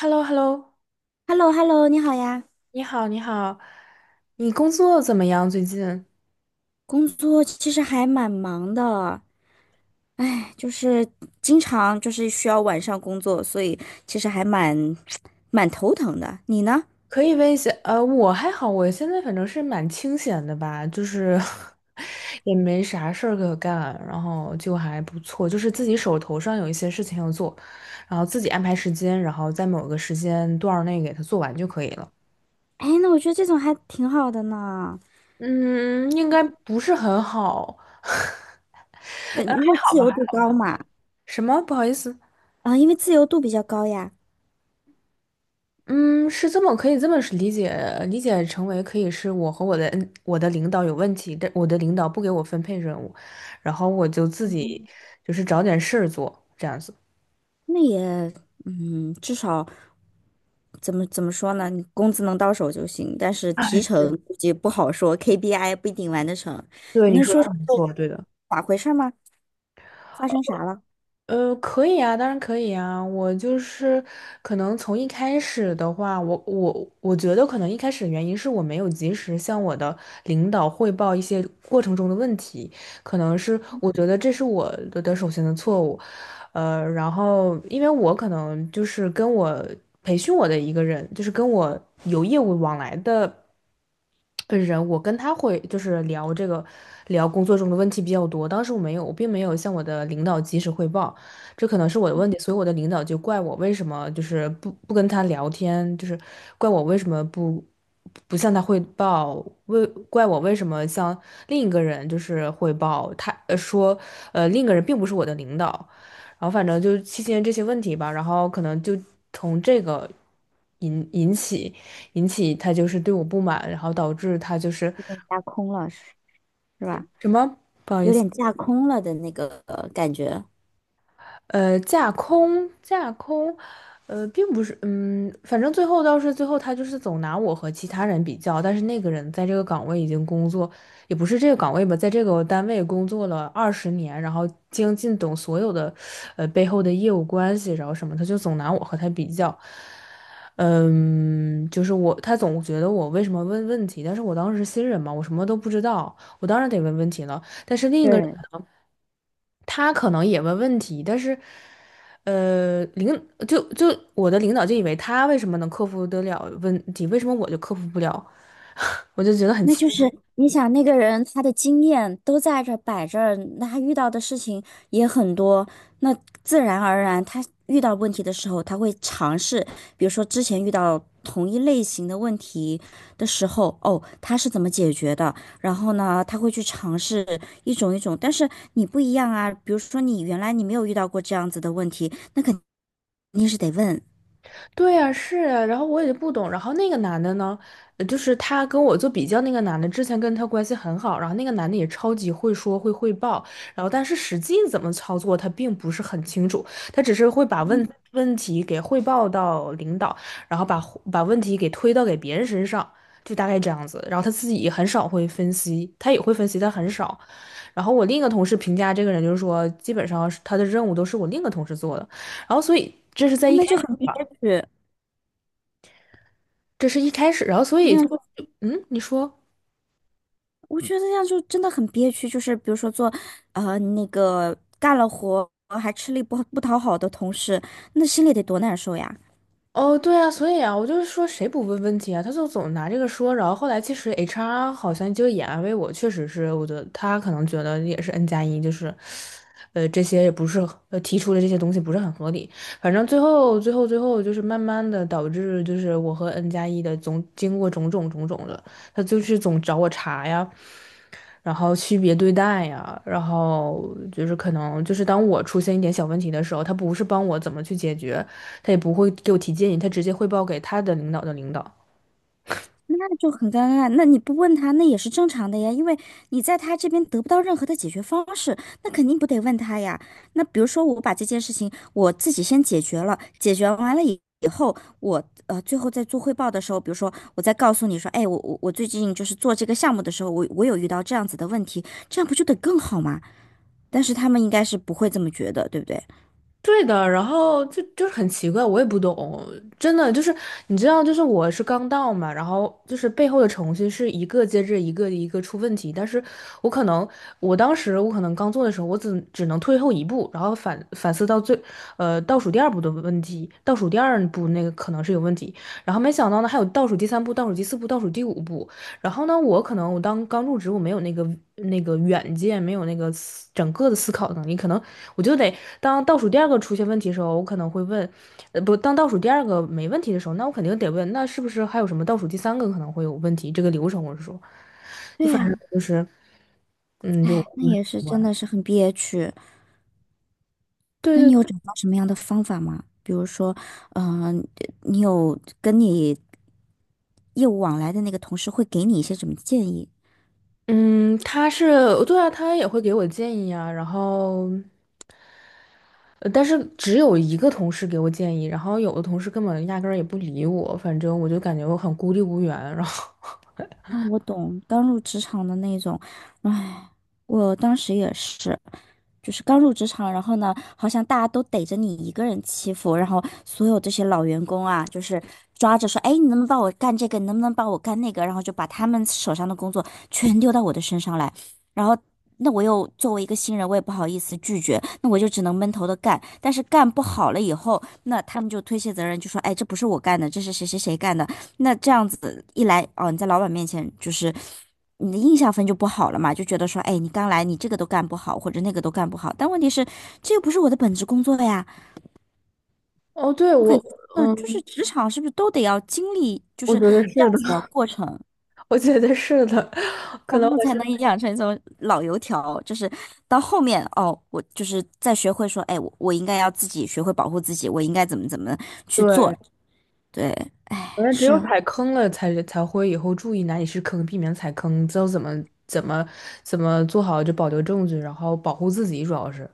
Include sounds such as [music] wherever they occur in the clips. h e l l o h e l l o h e l l o h e l l o 你好呀。你好，你好，你工作怎么样？最近工作其实还蛮忙的，哎，就是经常就是需要晚上工作，所以其实还[tsk] 蛮头疼的。你呢？可以问一下，我还好，我现在反正是蛮清闲的吧，就是 [laughs] 也没啥事儿可干，然后就还不错，就是自己手头上有一些事情要做，然后自己安排时间，然后在某个时间段儿内给它做完就可以了。哎，那我觉得这种还挺好的呢，嗯，应该不是很好，[laughs] 对，因为好自吧？由度高嘛，[laughs] 什么？不好意思。啊，因为自由度比较高呀，嗯，是这么可以这么是理解，理解成为可以是我和我的我的领导有问题，但我的领导不给我分配任务，然后我就自己就是找点事儿做，这样子。那也，嗯，至少怎么说呢，你工资能到手就行，但是提哎，成估计不好说，KPI 不一定完得成。对，你你能说的说说很不错，是对的。咋回事儿吗？发生啥了？可以啊，当然可以啊。我就是可能从一开始的话，我觉得可能一开始的原因是我没有及时向我的领导汇报一些过程中的问题，可能是我觉得这是我的首先的错误。然后因为我可能就是跟我培训我的一个人，就是跟我有业务往来的。本人，我跟他会就是聊这个，聊工作中的问题比较多。当时我没有，我并没有向我的领导及时汇报，这可能是我的问题，所以我的领导就怪我为什么就是不跟他聊天，就是怪我为什么不向他汇报，怪我为什么向另一个人就是汇报，他说另一个人并不是我的领导，然后反正就期间这些问题吧，然后可能就从这个引起。引起他就是对我不满，然后导致他就是架空了，是吧？什么不好意有思。点架空了的那个感觉。架空，架空，并不是，嗯，反正最后他就是总拿我和其他人比较，但是那个人在这个岗位已经工作，也不是这个岗位吧，在这个单位工作了20年，然后精进懂所有的，背后的业务关系，然后什么，他就总拿我和他比较，嗯，就是我，他总觉得我为什么问问题，但是我当时是新人嘛，我什么都不知道，我当然得问问题了。对，他可能也问问题，但是，呃，领就就我的领导就以为他为什么能克服得了问题，为什么我就克服不了？我就觉得很那奇。就是你想，那个人他的经验都在这摆着儿，那他遇到的事情也很多，那自然而然他遇到问题的时候，他会尝试，比如说之前遇到同一类型的问题的时候，哦，他是怎么解决的？然后呢，他会去尝试一种一种，但是你不一样啊，比如说你原来你没有遇到过这样子的问题，那肯定是得问。对呀，是呀，然后我也不懂，然后那个男的呢，就是他跟我做比较，那个男的之前跟他关系很好，然后那个男的也超级会说会汇报，然后但是实际怎么操作他并不是很清楚，他只是会把问题给汇报到领导，然后把问题给推到给别人身上，就大概这样子，然后他自己也很少会分析，他也会分析，但很少。然后我另一个同事评价这个人就是说，基本上是他的任务都是我另一个同事做的，然后所以这是在一开那就始很憋吧。屈，这是一开始，然后所那以就，样就嗯，你说，我觉得那样就真的很憋屈。就是比如说做，那个干了活还吃力不讨好的同事，那心里得多难受呀。哦，对啊，所以啊，我就是说谁不问问题啊，他就总拿这个说，然后后来其实 HR 好像就也安慰我，确实是，我觉得他可能觉得也是 N 加一，就是，这些也不是，提出的这些东西不是很合理，反正最后就是慢慢的导致就是我和 N 加一的总经过种种的，他就是总找我茬呀，然后区别对待呀，然后就是可能就是当我出现一点小问题的时候，他不是帮我怎么去解决，他也不会给我提建议，他直接汇报给他的领导的领导。那就很尴尬。那你不问他，那也是正常的呀，因为你在他这边得不到任何的解决方式，那肯定不得问他呀。那比如说，我把这件事情我自己先解决了，解决完了以后，我最后在做汇报的时候，比如说我再告诉你说，哎，我最近就是做这个项目的时候，我有遇到这样子的问题，这样不就得更好吗？但是他们应该是不会这么觉得，对不对？对的，然后就是很奇怪，我也不懂，真的就是你知道，就是我是刚到嘛，然后就是背后的程序是一个接着一个一个出问题，但是我可能我当时我可能刚做的时候，我只能退后一步，然后反思到倒数第二步的问题，倒数第二步那个可能是有问题，然后没想到呢还有倒数第三步、倒数第四步、倒数第五步，然后呢，我可能我当刚入职，我没有那个远见，没有那个整个的思考能力，可能我就得当倒数第二个出现问题的时候，我可能会问，呃，不，当倒数第二个没问题的时候，那我肯定得问，那是不是还有什么倒数第三个可能会有问题？这个流程我是说，就对反正呀，就是，嗯，就哎，那也是真的是很憋屈。那对你对，有找到什么样的方法吗？比如说，嗯、你有跟你业务往来的那个同事会给你一些什么建议？嗯，他是对啊，他也会给我建议啊，然后。但是只有一个同事给我建议，然后有的同事根本压根儿也不理我，反正我就感觉我很孤立无援。然后，啊，我懂，刚入职场的那种，唉，我当时也是。就是刚入职场，然后呢，好像大家都逮着你一个人欺负，然后所有这些老员工啊，就是抓着说，哎，你能不能帮我干这个？你能不能帮我干那个？然后就把他们手上的工作全丢到我的身上来，然后。那我又作为一个新人，我也不好意思拒绝，那我就只能闷头的干。但是干不好了以后，那他们就推卸责任，就说：“哎，这不是我干的，这是谁谁谁干的。”那这样子一来，哦，你在老板面前就是你的印象分就不好了嘛，就觉得说，哎，你刚来，你这个都干不好，或者那个都干不好。但问题是，这又不是我的本职工作呀。哦，对，我，那就是嗯，职场是不是都得要经历就我是觉得这是样的，子的过程，[laughs] 我觉得是的，[laughs] 可然能后我才现能在养成一种老油条，就是到后面哦，我就是再学会说，哎，我应该要自己学会保护自己，我应该怎么怎么去对，做。对，可能只有是。踩坑了才会以后注意哪里是坑，避免踩坑，知道怎么怎么做好就保留证据，然后保护自己，主要是。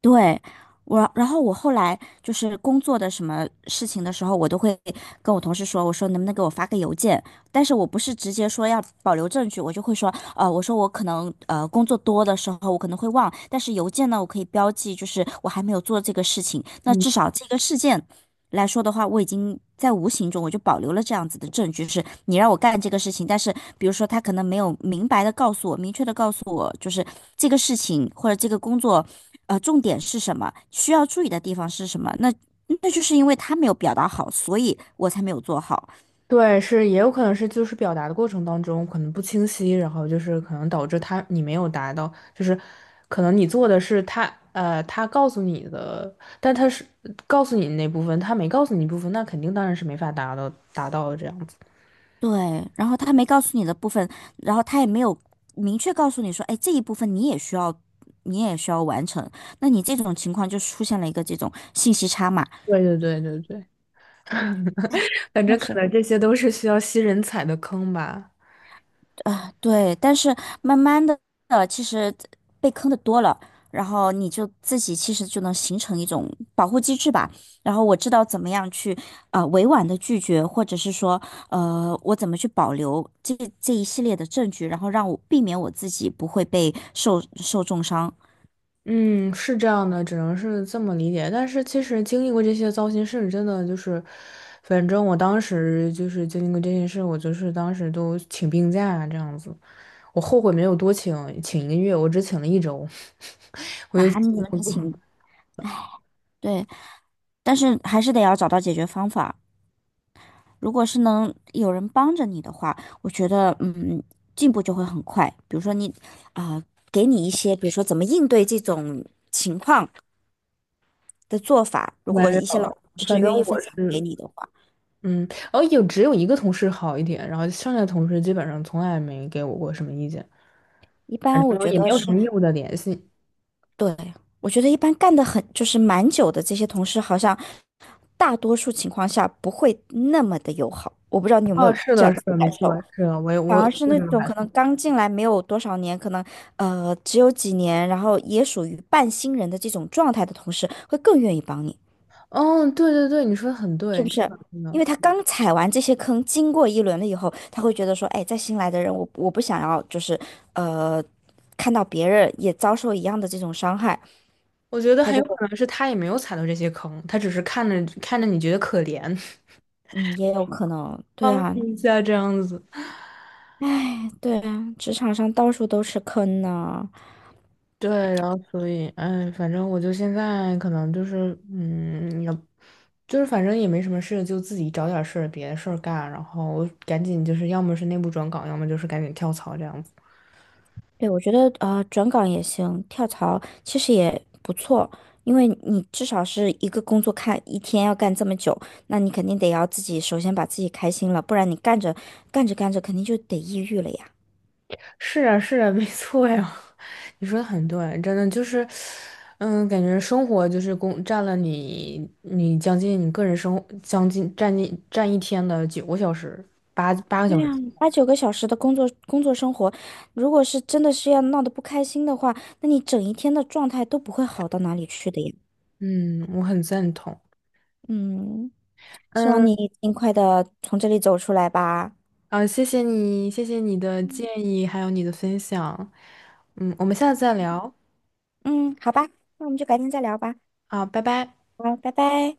对，然后我后来就是工作的什么事情的时候，我都会跟我同事说，我说能不能给我发个邮件？但是我不是直接说要保留证据，我就会说，呃，我说我可能工作多的时候我可能会忘，但是邮件呢，我可以标记，就是我还没有做这个事情，那至少这个事件来说的话，我已经在无形中我就保留了这样子的证据，是你让我干这个事情，但是比如说他可能没有明白的告诉我，明确的告诉我，就是这个事情或者这个工作，重点是什么，需要注意的地方是什么，那就是因为他没有表达好，所以我才没有做好。对，是也有可能是就是表达的过程当中可能不清晰，然后就是可能导致他你没有达到，就是可能你做的是他他告诉你的，但他是告诉你那部分，他没告诉你部分，那肯定当然是没法达到的这样子。对，然后他没告诉你的部分，然后他也没有明确告诉你说，哎，这一部分你也需要。你也需要完成，那你这种情况就出现了一个这种信息差嘛？对对对对对，反那正可是能这些都是需要新人踩的坑吧。对，但是慢慢的，其实被坑的多了，然后你就自己其实就能形成一种保护机制吧。然后我知道怎么样去委婉的拒绝，或者是说我怎么去保留这一系列的证据，然后让我避免我自己不会被受重伤嗯，是这样的，只能是这么理解。但是其实经历过这些糟心事，真的就是，反正我当时就是经历过这些事，我就是当时都请病假这样子。我后悔没有多请，请1个月，我只请了1周，[laughs] 我就啊。你怎么情？对，但是还是得要找到解决方法。如果是能有人帮着你的话，我觉得进步就会很快。比如说你啊、给你一些，比如说怎么应对这种情况的做法，如没果一些老有。同事反正愿意分我享给是，你的话，嗯，哦，只有一个同事好一点，然后剩下的同事基本上从来没给我过什么意见，一反般我正觉也得没有什么是业务的联系。对。我觉得一般干得很就是蛮久的这些同事，好像大多数情况下不会那么的友好。我不知道你有没有哦，是这的，样是子的的，感没错，受。是的，我也反我而是我那种可能刚进来没有多少年，可能只有几年，然后也属于半新人的这种状态的同事，会更愿意帮你，哦，对对对，你说的很是对，不真是？的真因的，为他刚踩完这些坑，经过一轮了以后，他会觉得说，哎，再新来的人，我不想要，就是呃，看到别人也遭受一样的这种伤害，我觉得他很就有会，可能是他也没有踩到这些坑，他只是看着看着你觉得可怜，[laughs] 嗯，也有可能，对帮啊，你一下这样子。对啊，职场上到处都是坑呢、对，然后所以，哎，反正我就现在可能就是，嗯，也就是反正也没什么事，就自己找点事儿，别的事儿干，然后赶紧就是，要么是内部转岗，要么就是赶紧跳槽这样子。对，我觉得转岗也行，跳槽其实也不错，因为你至少是一个工作看一天要干这么久，那你肯定得要自己首先把自己开心了，不然你干着干着肯定就得抑郁了呀。是啊，是啊，没错呀，[laughs] 你说的很对，真的就是，嗯，感觉生活就是工占了你，你将近你个人生活将近占一天的9个小时，八个对小时。呀，八九个小时的工作生活，如果是真的是要闹得不开心的话，那你整一天的状态都不会好到哪里去的呀。嗯，我很赞同。嗯，希望嗯，你尽快的从这里走出来吧。啊，谢谢你，谢谢你的建议，还有你的分享。嗯，我们下次再聊。嗯，好吧，那我们就改天再聊吧。啊，拜拜。好，拜拜。